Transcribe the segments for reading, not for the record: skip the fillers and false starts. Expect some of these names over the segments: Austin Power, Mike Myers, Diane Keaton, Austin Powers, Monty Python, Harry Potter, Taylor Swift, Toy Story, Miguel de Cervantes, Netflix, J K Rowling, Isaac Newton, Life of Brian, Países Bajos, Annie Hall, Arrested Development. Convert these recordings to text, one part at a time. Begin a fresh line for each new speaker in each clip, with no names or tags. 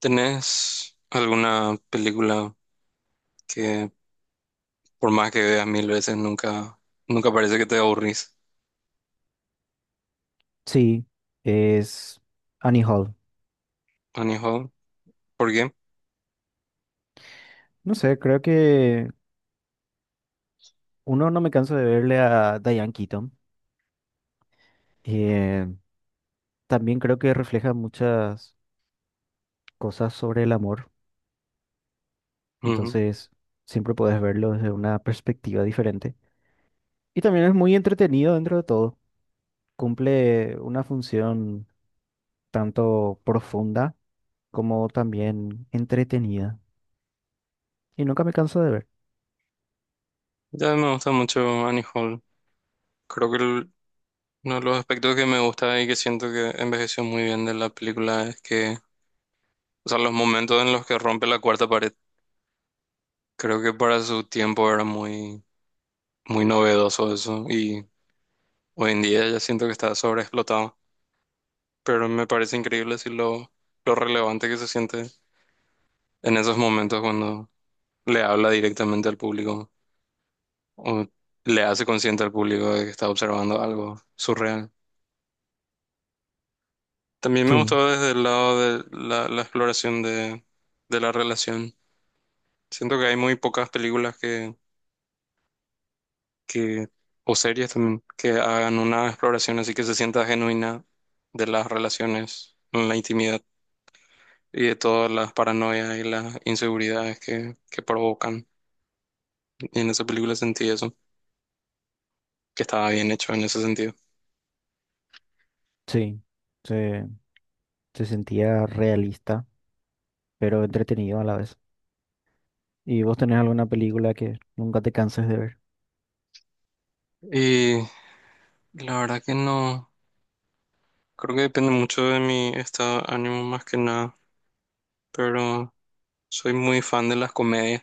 ¿Tenés alguna película que por más que veas mil veces nunca parece que te aburrís?
Sí, es Annie Hall.
Annie Hall. ¿Por qué?
No sé, creo que uno no me canso de verle a Diane Keaton. Eh, También creo que refleja muchas cosas sobre el amor,
Ujú.
entonces siempre puedes verlo desde una perspectiva diferente. Y también es muy entretenido dentro de todo. Cumple una función tanto profunda como también entretenida. Y nunca me canso de ver.
Ya me gusta mucho Annie Hall. Creo que uno de los aspectos que me gusta y que siento que envejeció muy bien de la película es que, o sea, los momentos en los que rompe la cuarta pared, creo que para su tiempo era muy novedoso eso y hoy en día ya siento que está sobreexplotado, pero me parece increíble si lo, lo relevante que se siente en esos momentos cuando le habla directamente al público o le hace consciente al público de que está observando algo surreal. También me
Sí,
gustó desde el lado de la exploración de la relación. Siento que hay muy pocas películas que, o series también, que hagan una exploración así que se sienta genuina de las relaciones en la intimidad y de todas las paranoias y las inseguridades que provocan. Y en esa película sentí eso, que estaba bien hecho en ese sentido.
sí, se, se sentía realista, pero entretenido a la vez. ¿Y vos tenés alguna película que nunca te canses de ver?
Y la verdad que no, creo que depende mucho de mi estado de ánimo más que nada, pero soy muy fan de las comedias.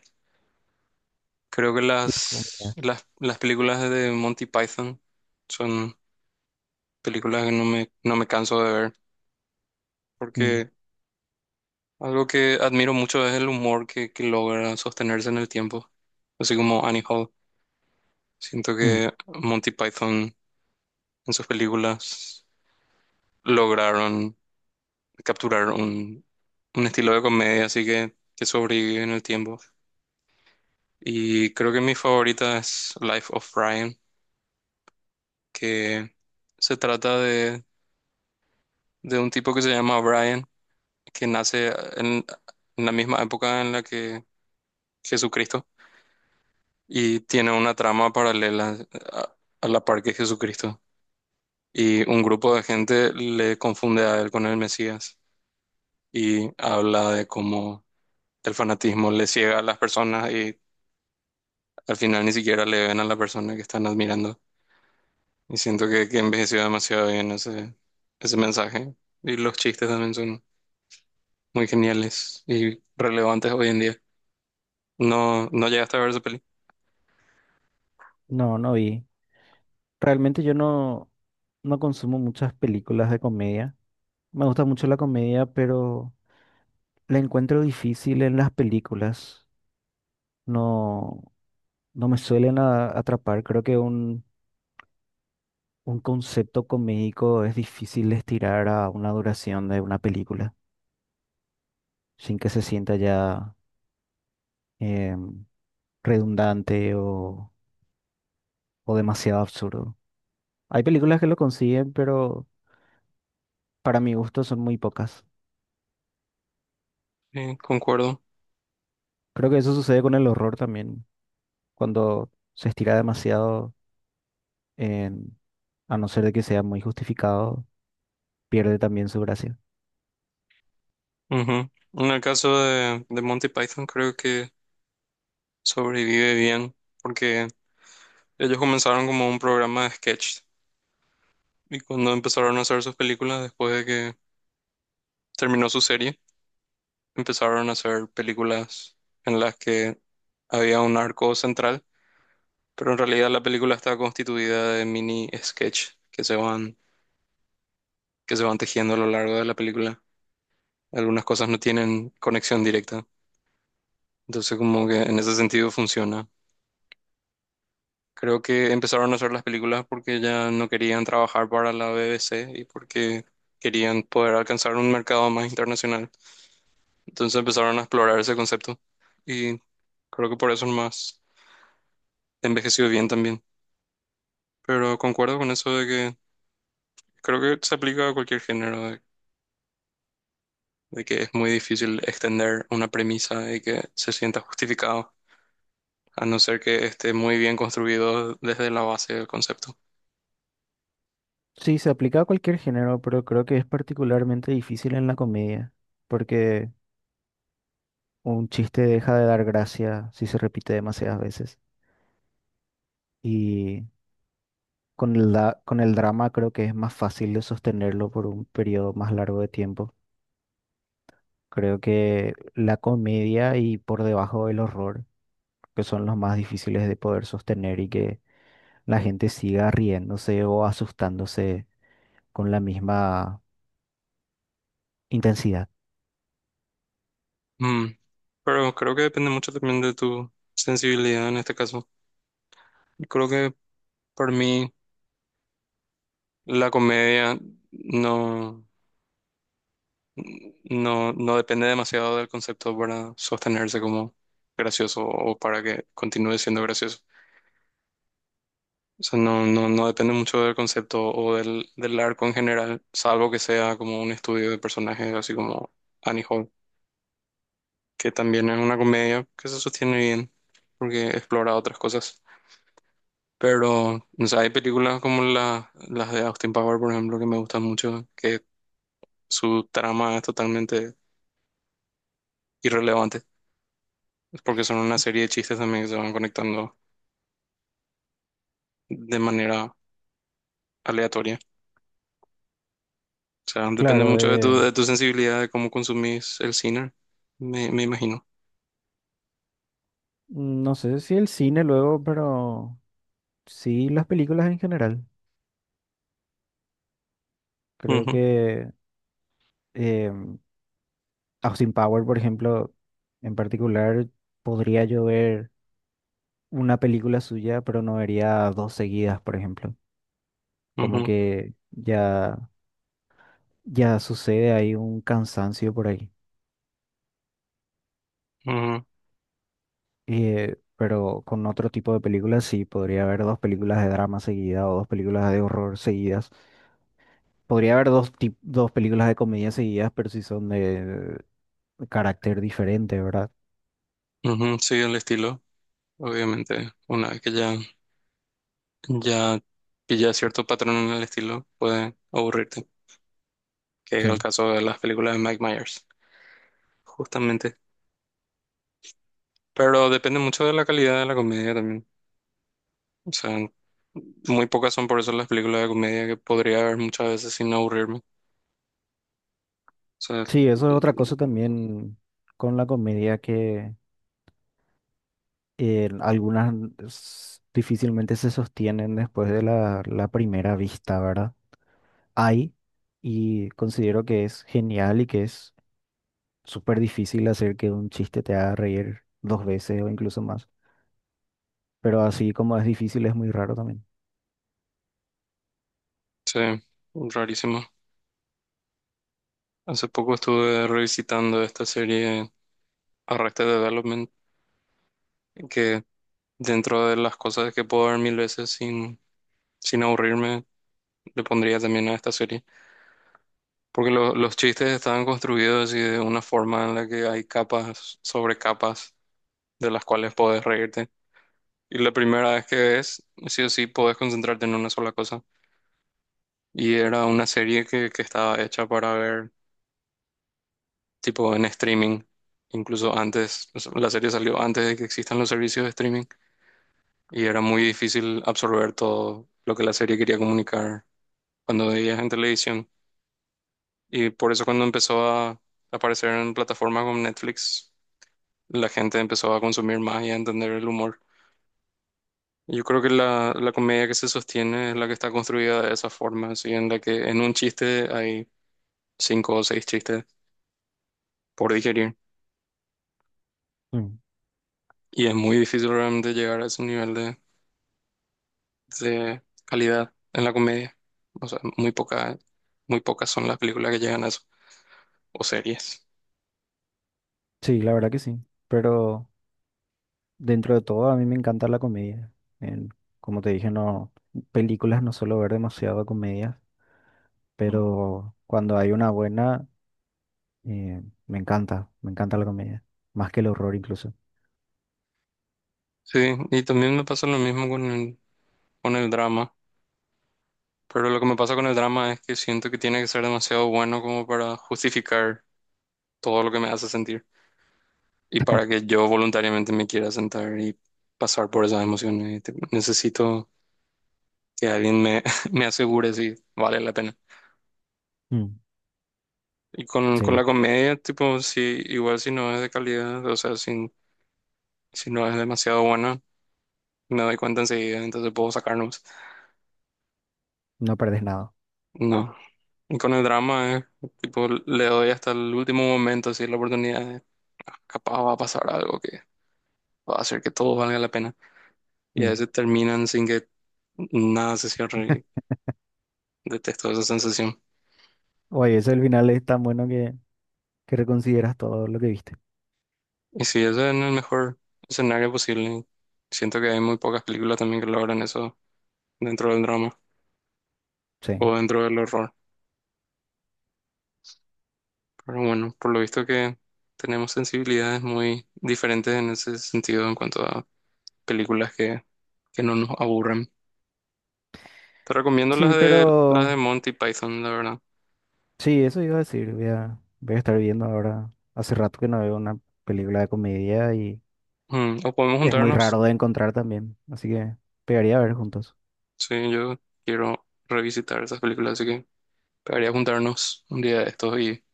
Creo que
Las comedias.
las películas de Monty Python son películas que no me canso de ver,
Mm,
porque algo que admiro mucho es el humor que logra sostenerse en el tiempo, así como Annie Hall. Siento
mm.
que Monty Python en sus películas lograron capturar un estilo de comedia, así que sobrevive en el tiempo. Y creo que mi favorita es Life of Brian, que se trata de un tipo que se llama Brian, que nace en, en la misma época en la que Jesucristo y tiene una trama paralela a, a la par que Jesucristo. Y un grupo de gente le confunde a él con el Mesías y habla de cómo el fanatismo le ciega a las personas y al final ni siquiera le ven a la persona que están admirando. Y siento que envejeció demasiado bien ese mensaje. Y los chistes también son muy geniales y relevantes hoy en día. No llegaste a ver esa peli.
No, no vi. Realmente yo no, no consumo muchas películas de comedia. Me gusta mucho la comedia, pero la encuentro difícil en las películas. No, no me suelen atrapar. Creo que un concepto comédico es difícil de estirar a una duración de una película sin que se sienta ya em, redundante o demasiado absurdo. Hay películas que lo consiguen, pero para mi gusto son muy pocas.
Sí, concuerdo.
Creo que eso sucede con el horror también, cuando se estira demasiado, en- a no ser de que sea muy justificado, pierde también su gracia.
Ujú. En el caso de Monty Python, creo que sobrevive bien porque ellos comenzaron como un programa de sketch y cuando empezaron a hacer sus películas, después de que terminó su serie, empezaron a hacer películas en las que había un arco central. Pero en realidad la película está constituida de mini sketch que se van tejiendo a lo largo de la película. Algunas cosas no tienen conexión directa. Entonces como que en ese sentido funciona. Creo que empezaron a hacer las películas porque ya no querían trabajar para la BBC y porque querían poder alcanzar un mercado más internacional. Entonces empezaron a explorar ese concepto y creo que por eso más envejeció bien también. Pero concuerdo con eso de que creo que se aplica a cualquier género, de que es muy difícil extender una premisa y que se sienta justificado, a no ser que esté muy bien construido desde la base del concepto.
Sí, se aplica a cualquier género, pero creo que es particularmente difícil en la comedia, porque un chiste deja de dar gracia si se repite demasiadas veces. Y con con el drama creo que es más fácil de sostenerlo por un periodo más largo de tiempo. Creo que la comedia y por debajo el horror, que son los más difíciles de poder sostener y que la gente siga riéndose o asustándose con la misma intensidad.
Mm, Pero creo que depende mucho también de tu sensibilidad en este caso. Creo que por mí la comedia no, no depende demasiado del concepto para sostenerse como gracioso o para que continúe siendo gracioso. O sea, no depende mucho del concepto o del arco en general, salvo que sea como un estudio de personajes, así como Annie Hall, que también es una comedia que se sostiene bien porque explora otras cosas. Pero, o sea, hay películas como las de Austin Power, por ejemplo, que me gustan mucho, que su trama es totalmente irrelevante, es porque son una serie de chistes también que se van conectando de manera aleatoria. O sea, depende
Claro,
mucho de de tu sensibilidad, de cómo consumís el cine, me imagino.
no sé si el cine luego, pero sí las películas en general. Creo
Ujú,
que eh, Austin Power, por ejemplo, en particular, podría yo ver una película suya, pero no vería dos seguidas, por ejemplo. Como
ujú,
que ya... Ya sucede, hay un cansancio por ahí.
ujú,
Pero con otro tipo de películas sí, podría haber dos películas de drama seguidas o dos películas de horror seguidas. Podría haber dos películas de comedia seguidas, pero si son de carácter diferente, ¿verdad?
ujú. Sí, el estilo, obviamente, una vez que ya pilla cierto patrón en el estilo, puede aburrirte, que es el
Sí.
caso de las películas de Mike Myers, justamente. Pero depende mucho de la calidad de la comedia también. O sea, muy pocas son por eso las películas de comedia que podría ver muchas veces sin aburrirme. O sea,
Sí, eso es otra cosa también con la comedia que algunas difícilmente se sostienen después de la primera vista, ¿verdad? Hay, y considero que es genial y que es súper difícil hacer que un chiste te haga reír dos veces o incluso más. Pero así como es difícil, es muy raro también.
sí, rarísimo. Hace poco estuve revisitando esta serie Arrested Development, que dentro de las cosas que puedo ver mil veces sin aburrirme, le pondría también a esta serie. Porque los chistes estaban construidos y de una forma en la que hay capas sobre capas de las cuales puedes reírte. Y la primera vez que ves, sí o sí, puedes concentrarte en una sola cosa. Y era una serie que estaba hecha para ver tipo en streaming. Incluso antes, o sea, la serie salió antes de que existan los servicios de streaming y era muy difícil absorber todo lo que la serie quería comunicar cuando veías en televisión. Y por eso cuando empezó a aparecer en plataformas como Netflix, la gente empezó a consumir más y a entender el humor. Yo creo que la comedia que se sostiene es la que está construida de esa forma, así en la que en un chiste hay cinco o seis chistes por digerir.
Mm.
Y es muy difícil realmente llegar a ese nivel de calidad en la comedia. O sea, muy poca, muy pocas son las películas que llegan a eso, o series.
Sí, la verdad que sí. Pero dentro de todo, a mí me encanta la comedia. En- Como te dije, no, películas no suelo ver demasiado comedia, pero cuando hay una buena, eh, me encanta la comedia. Más que el horror incluso.
Sí, y también me pasa lo mismo con con el drama. Pero lo que me pasa con el drama es que siento que tiene que ser demasiado bueno como para justificar todo lo que me hace sentir y para que yo voluntariamente me quiera sentar y pasar por esas emociones. Necesito que alguien me, me asegure si vale la pena.
Mm.
Y con la
Sí,
comedia, tipo, si, igual si no es de calidad, o sea, si, si no es demasiado buena, me doy cuenta enseguida, entonces puedo sacarnos.
no perdes nada.
No. Y con el drama, tipo, le doy hasta el último momento, si la oportunidad, capaz va a pasar algo o hacer que todo valga la pena. Y a
Mm.
veces terminan sin que nada se cierre. Y detesto esa sensación.
Oye, ese el final es tan bueno que reconsideras todo lo que viste.
Y si eso es el mejor escenario posible. Siento que hay muy pocas películas también que logran eso dentro del drama
Sí.
o dentro del horror. Pero bueno, por lo visto que tenemos sensibilidades muy diferentes en ese sentido en cuanto a películas que no nos aburren. Te recomiendo
Sí,
las de
pero
Monty Python, la verdad.
sí, eso iba a decir. Voy a estar viendo ahora. Hace rato que no veo una película de comedia y
Mm, o podemos
es muy
juntarnos.
raro de encontrar también. Así que pegaría a ver juntos.
Sí, yo quiero revisitar esas películas, así que debería juntarnos un día de estos y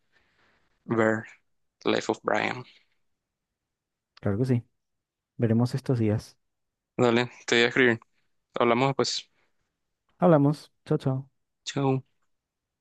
ver Life of Brian.
Claro que sí. Veremos estos días.
Dale, te voy a escribir. Hablamos después.
Hablamos. Chao, chao.
Chao.